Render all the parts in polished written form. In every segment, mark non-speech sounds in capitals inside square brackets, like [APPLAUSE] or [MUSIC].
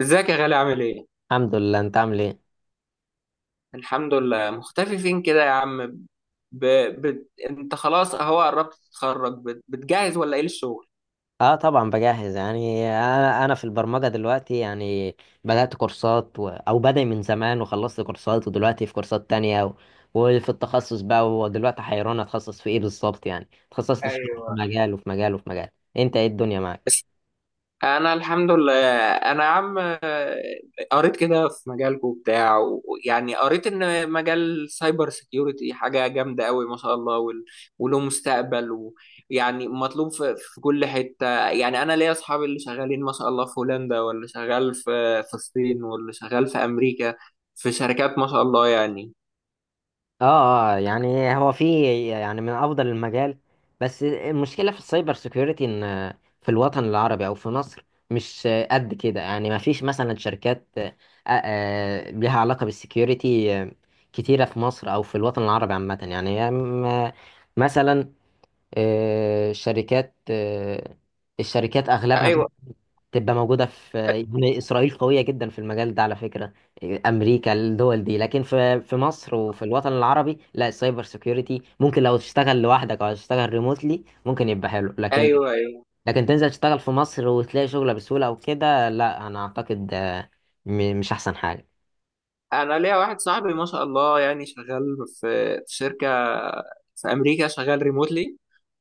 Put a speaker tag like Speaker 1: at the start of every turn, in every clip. Speaker 1: ازيك يا غالي عامل ايه؟
Speaker 2: الحمد لله، انت عامل ايه؟
Speaker 1: الحمد لله مختفي فين كده يا عم؟ ب... انت خلاص اهو قربت تتخرج، بتجهز ولا ايه للشغل؟
Speaker 2: اه طبعا بجهز، يعني انا في البرمجه دلوقتي. يعني بدات كورسات و... او بدأ من زمان وخلصت كورسات، ودلوقتي في كورسات تانية وفي التخصص بقى، ودلوقتي حيران اتخصص في ايه بالظبط. يعني اتخصصت في
Speaker 1: ايوه.
Speaker 2: مجال وفي مجال وفي مجال. انت ايه الدنيا معاك؟
Speaker 1: انا الحمد لله. انا يا عم، قريت كده في مجالكم وبتاع، ويعني قريت ان مجال سايبر سيكيورتي حاجه جامده قوي ما شاء الله، وله مستقبل، ويعني مطلوب في كل حته. يعني انا ليا اصحابي اللي شغالين ما شاء الله في هولندا، واللي شغال في الصين، واللي شغال في امريكا، في شركات ما شاء الله يعني.
Speaker 2: اه. يعني هو يعني من افضل المجال، بس المشكله في السايبر سيكيورتي ان في الوطن العربي او في مصر مش قد كده. يعني ما فيش مثلا شركات ليها علاقه بالسيكيورتي، كتيره في مصر او في الوطن العربي عامه. يعني هي مثلا شركات، الشركات اغلبها
Speaker 1: ايوه.
Speaker 2: تبقى موجودة في، يعني إسرائيل قوية جدا في المجال ده على فكرة، أمريكا، الدول دي. لكن في في مصر وفي الوطن العربي لا، السايبر سيكيورتي ممكن لو تشتغل لوحدك أو تشتغل ريموتلي ممكن يبقى حلو، لكن
Speaker 1: ايوه. ايوه.
Speaker 2: لكن تنزل تشتغل في مصر وتلاقي شغلة بسهولة أو كده لا. أنا أعتقد مش أحسن حاجة.
Speaker 1: انا ليا واحد صاحبي ما شاء الله، يعني شغال في شركه في امريكا، شغال ريموتلي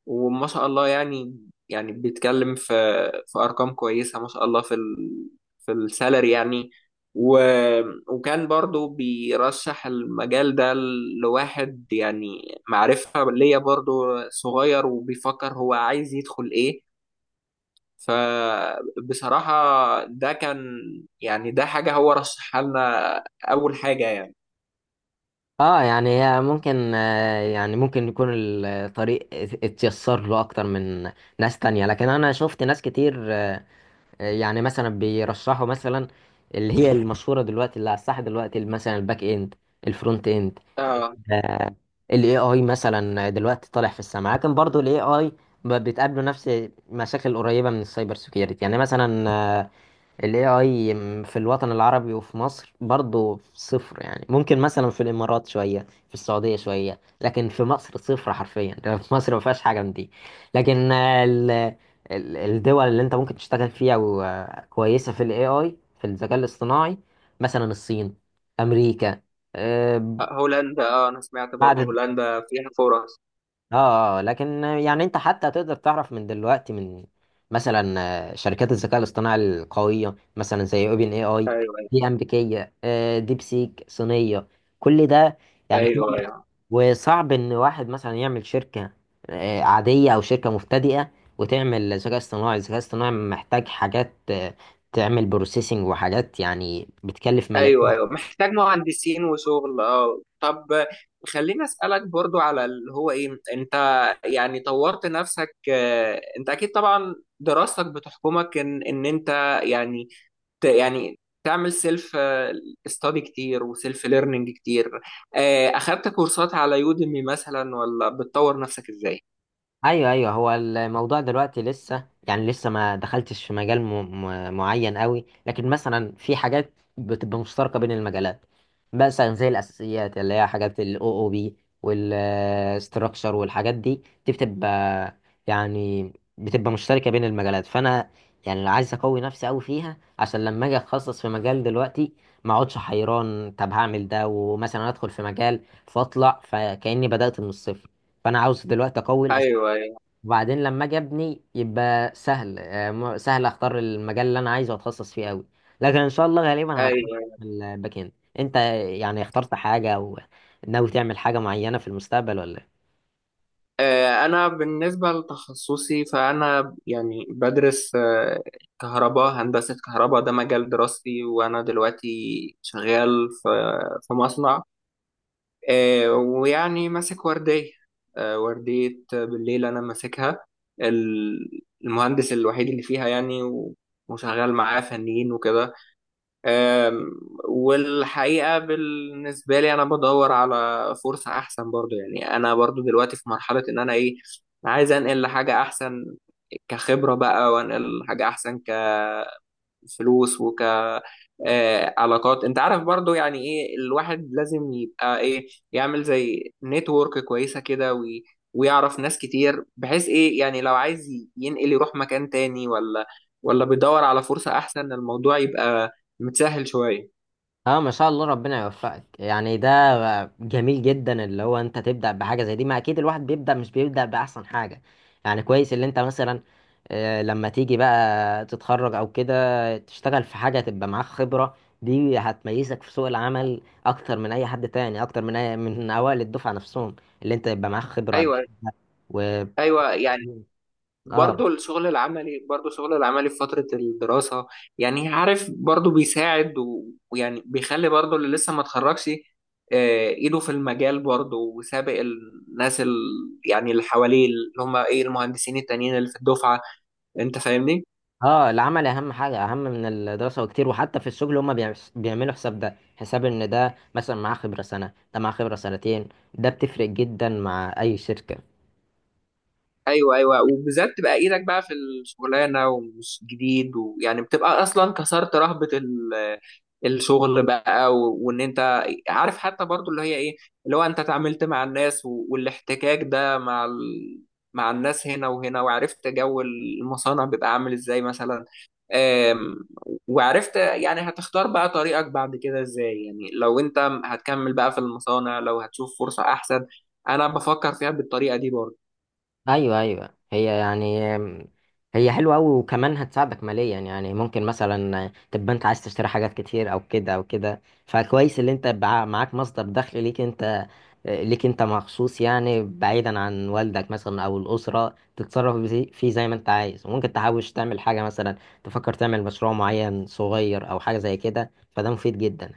Speaker 1: وما شاء الله يعني بيتكلم في ارقام كويسه ما شاء الله، في السالري يعني. و وكان برضو بيرشح المجال ده لواحد، يعني معرفه ليا برضو، صغير وبيفكر هو عايز يدخل ايه. فبصراحه ده كان، يعني ده حاجه هو رشحها لنا اول حاجه يعني.
Speaker 2: اه يعني هي ممكن، يعني ممكن يكون الطريق اتيسر له اكتر من ناس تانية، لكن انا شفت ناس كتير يعني مثلا بيرشحوا مثلا اللي هي المشهوره دلوقتي، اللي على الساحه دلوقتي، مثلا الباك اند، الفرونت اند،
Speaker 1: اه،
Speaker 2: آه، ال AI مثلا دلوقتي طالع في السماء. لكن برضو ال AI بتقابله نفس مشاكل قريبة من السايبر سيكيورتي. يعني مثلا ال AI في الوطن العربي وفي مصر برضو صفر. يعني ممكن مثلا في الإمارات شوية، في السعودية شوية، لكن في مصر صفر حرفيا. [LAUGHS] في مصر ما فيهاش حاجة من دي، لكن ال- الدول اللي انت ممكن تشتغل فيها وكويسة في ال AI في الذكاء الاصطناعي، مثلا الصين، أمريكا، آه،
Speaker 1: هولندا. اه، انا سمعت برضو
Speaker 2: بعد.
Speaker 1: هولندا فيها فرص.
Speaker 2: اه اه، لكن يعني انت حتى تقدر تعرف من دلوقتي من مثلا شركات الذكاء الاصطناعي القوية، مثلا زي اوبن اي اي،
Speaker 1: ايوه.
Speaker 2: دي امريكية، ديب سيك صينية. كل ده، يعني
Speaker 1: ايوه.
Speaker 2: وصعب ان واحد مثلا يعمل شركة عادية او شركة مبتدئة وتعمل ذكاء اصطناعي. الذكاء الاصطناعي محتاج حاجات تعمل بروسيسنج وحاجات، يعني بتكلف ملايين.
Speaker 1: ايوه. ايوه، محتاج مهندسين وشغل. اه، طب خليني اسالك برضو على اللي هو ايه انت، يعني طورت نفسك انت اكيد طبعا دراستك بتحكمك ان انت يعني، يعني تعمل سيلف استادي كتير وسيلف ليرنينج كتير. اخدت كورسات على يوديمي مثلا ولا بتطور نفسك ازاي؟
Speaker 2: ايوه ايوه. هو الموضوع دلوقتي لسه، يعني لسه ما دخلتش في مجال معين قوي، لكن مثلا في حاجات بتبقى مشتركه بين المجالات، مثلا زي الاساسيات اللي هي حاجات الاو او بي والاستراكشر والحاجات دي، دي يعني بتبقى مشتركه بين المجالات. فانا يعني لو عايز اقوي نفسي قوي فيها، عشان لما اجي اتخصص في مجال دلوقتي ما اقعدش حيران. طب هعمل ده، ومثلا ادخل في مجال فاطلع فكاني بدات من الصفر. فانا عاوز دلوقتي اقوي،
Speaker 1: ايوه. ايوه.
Speaker 2: وبعدين لما اجي ابني يبقى سهل، سهل اختار المجال اللي انا عايزه واتخصص فيه قوي. لكن ان شاء الله غالبا هتخصص
Speaker 1: ايوه.
Speaker 2: في الباك اند. انت يعني اخترت حاجه او ناوي تعمل حاجه معينه في المستقبل ولا؟
Speaker 1: أنا بالنسبة لتخصصي فأنا يعني بدرس، آه، كهرباء هندسة كهرباء، ده مجال دراستي. وأنا دلوقتي شغال في مصنع، ويعني ماسك وردية، وردية بالليل أنا ماسكها، المهندس الوحيد اللي فيها يعني، وشغال معاه فنيين وكده. أم، والحقيقة بالنسبة لي أنا بدور على فرصة أحسن برضو. يعني أنا برضو دلوقتي في مرحلة إن أنا إيه، عايز أنقل لحاجة أحسن كخبرة بقى، وأنقل لحاجة أحسن كفلوس، علاقات. أنت عارف برضو يعني إيه، الواحد لازم يبقى إيه، يعمل زي نتورك كويسة كده ويعرف ناس كتير، بحيث إيه يعني لو عايز ينقل يروح مكان تاني، ولا بيدور على فرصة أحسن، الموضوع يبقى متسهل شوية.
Speaker 2: اه ما شاء الله، ربنا يوفقك. يعني ده جميل جدا اللي هو انت تبدأ بحاجة زي دي. ما اكيد الواحد بيبدأ، مش بيبدأ بأحسن حاجة. يعني كويس اللي انت مثلا لما تيجي بقى تتخرج او كده تشتغل في حاجة تبقى معاك خبرة، دي هتميزك في سوق العمل اكتر من اي حد تاني، اكتر من أي من اوائل الدفعة نفسهم، اللي انت يبقى معاك خبرة
Speaker 1: ايوه.
Speaker 2: و اه
Speaker 1: ايوه يعني.
Speaker 2: بالظبط.
Speaker 1: برضو الشغل العملي في فتره الدراسه، يعني عارف برضو بيساعد ويعني بيخلي برضو اللي لسه ما اتخرجش، ايده في المجال برضو وسابق الناس يعني اللي حواليه، اللي هم ايه المهندسين التانيين اللي في الدفعه، انت فاهمني؟
Speaker 2: اه، العمل اهم حاجه، اهم من الدراسه وكتير. وحتى في الشغل هما بيعملوا حساب، ده حساب ان ده مثلا معاه خبره سنه، ده معاه خبره سنتين، ده بتفرق جدا مع اي شركه.
Speaker 1: ايوه. ايوه، وبالذات تبقى ايدك بقى في الشغلانه ومش جديد، ويعني بتبقى اصلا كسرت رهبه الشغل بقى، وان انت عارف حتى برضو اللي هي ايه، اللي هو انت اتعاملت مع الناس والاحتكاك ده مع مع الناس هنا وهنا، وعرفت جو المصانع بيبقى عامل ازاي مثلا. آم، وعرفت يعني هتختار بقى طريقك بعد كده ازاي، يعني لو انت هتكمل بقى في المصانع، لو هتشوف فرصة احسن. انا بفكر فيها بالطريقة دي برضو.
Speaker 2: ايوه ايوه. هي يعني هي حلوه قوي، وكمان هتساعدك ماليا. يعني ممكن مثلا تبقى انت عايز تشتري حاجات كتير او كده او كده، فكويس اللي انت معاك مصدر دخل ليك انت، ليك انت مخصوص، يعني بعيدا عن والدك مثلا او الاسره، تتصرف بزي- فيه زي ما انت عايز. وممكن تحوش تعمل حاجه، مثلا تفكر تعمل مشروع معين صغير او حاجه زي كده، فده مفيد جدا.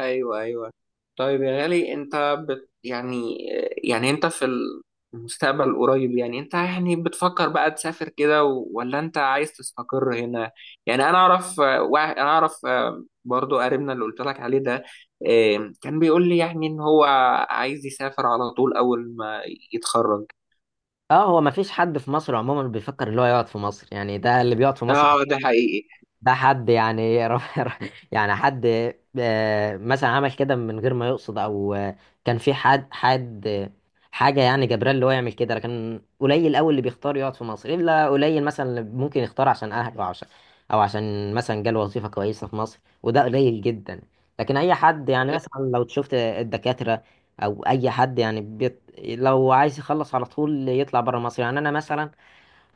Speaker 1: ايوه. ايوه، طيب يا غالي انت يعني، يعني انت في المستقبل القريب، يعني انت يعني بتفكر بقى تسافر كده ولا انت عايز تستقر هنا؟ يعني انا اعرف برضو قريبنا اللي قلت لك عليه ده، كان بيقول لي يعني ان هو عايز يسافر على طول اول ما يتخرج.
Speaker 2: اه هو مفيش حد في مصر عموما بيفكر اللي هو يقعد في مصر. يعني ده اللي بيقعد في مصر
Speaker 1: اه، ده حقيقي.
Speaker 2: ده حد يعني [LAUGHS] يعني حد مثلا عمل كده من غير ما يقصد، او كان في حد حاجه، يعني جبران اللي هو يعمل كده. لكن قليل قوي اللي بيختار يقعد في مصر، الا قليل مثلا اللي ممكن يختار عشان اهله او عشان او عشان مثلا جاله وظيفه كويسه في مصر، وده قليل جدا. لكن اي حد يعني مثلا لو شفت الدكاتره او اي حد، يعني بيت لو عايز يخلص على طول يطلع بره مصر. يعني انا مثلا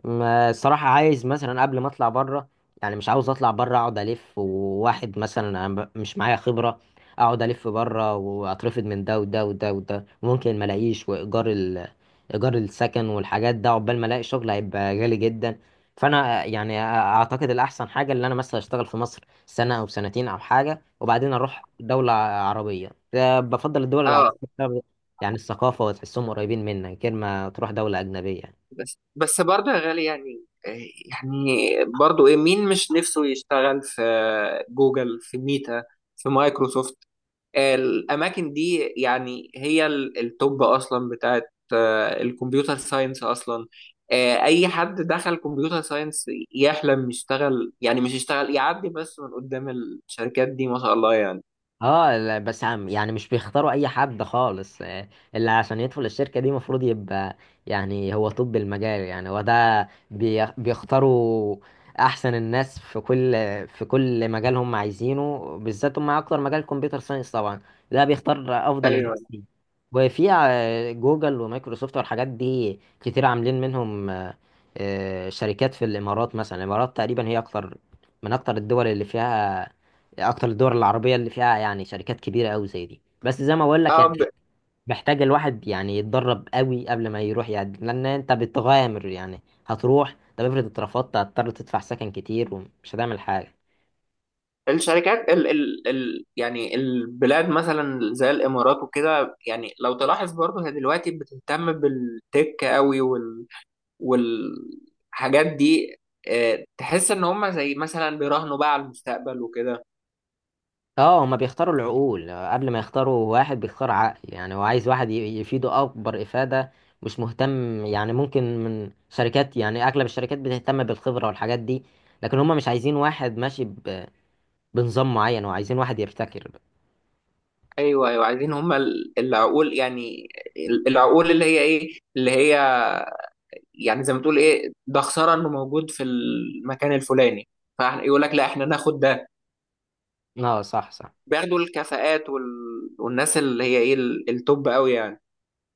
Speaker 2: ما الصراحة عايز مثلا قبل ما اطلع بره، يعني مش عاوز اطلع بره اقعد الف وواحد مثلا انا مش معايا خبرة، اقعد الف بره واترفض من ده وده وده وده، ممكن ما الاقيش، وايجار ايجار السكن والحاجات ده عقبال ما الاقي شغل هيبقى غالي جدا. فانا يعني اعتقد الاحسن حاجة اللي انا مثلا اشتغل في مصر سنة او سنتين او حاجة، وبعدين اروح دولة عربية. ده بفضل الدول العربية
Speaker 1: اه،
Speaker 2: بسبب يعني الثقافة، وتحسهم قريبين منك غير ما تروح دولة أجنبية.
Speaker 1: بس برضه يا غالي يعني، يعني برضه ايه، مين مش نفسه يشتغل في جوجل، في ميتا، في مايكروسوفت؟ الاماكن دي يعني هي التوب اصلا بتاعت الكمبيوتر ساينس اصلا. اي حد دخل كمبيوتر ساينس يحلم يشتغل، يعني مش يشتغل، يعدي بس من قدام الشركات دي ما شاء الله يعني.
Speaker 2: اه لا، بس عم يعني مش بيختاروا اي حد خالص. اللي عشان يدخل الشركة دي المفروض يبقى يعني هو طب المجال يعني هو ده بيختاروا احسن الناس في كل في كل مجال هم عايزينه، بالذات هم اكتر مجال كمبيوتر ساينس طبعا ده بيختار افضل
Speaker 1: ايوه.
Speaker 2: الناس دي. وفي جوجل ومايكروسوفت والحاجات دي كتير عاملين منهم شركات في الامارات. مثلا الامارات تقريبا هي اكتر من اكتر الدول اللي فيها، اكتر الدول العربيه اللي فيها يعني شركات كبيره قوي زي دي. بس زي ما بقول لك
Speaker 1: اه،
Speaker 2: يعني محتاج الواحد يعني يتدرب قوي قبل ما يروح، يعني لان انت بتغامر. يعني هتروح، طب افرض اترفضت، هتضطر تدفع سكن كتير ومش هتعمل حاجه.
Speaker 1: الشركات ال، يعني البلاد مثلا زي الامارات وكده، يعني لو تلاحظ برضه هي دلوقتي بتهتم بالتك قوي والحاجات دي، تحس ان هم زي مثلا بيراهنوا بقى على المستقبل وكده.
Speaker 2: اه، هما بيختاروا العقول قبل ما يختاروا. واحد بيختار عقل، يعني هو عايز واحد يفيده اكبر افاده، مش مهتم. يعني ممكن من شركات، يعني اغلب الشركات بتهتم بالخبره والحاجات دي، لكن هما مش عايزين واحد ماشي بنظام معين، وعايزين واحد يبتكر.
Speaker 1: ايوه. ايوه، عايزين هم العقول يعني، العقول اللي هي ايه اللي هي يعني زي ما تقول ايه، ده خساره انه موجود في المكان الفلاني، فيقول لك لا احنا ناخد ده.
Speaker 2: اه صح صح.
Speaker 1: بياخدوا الكفاءات والناس اللي هي ايه التوب قوي يعني.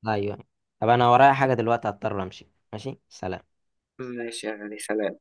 Speaker 2: ايوه. طب انا ورايا حاجة دلوقتي، هضطر امشي. ماشي، سلام.
Speaker 1: ماشي يعني سلام.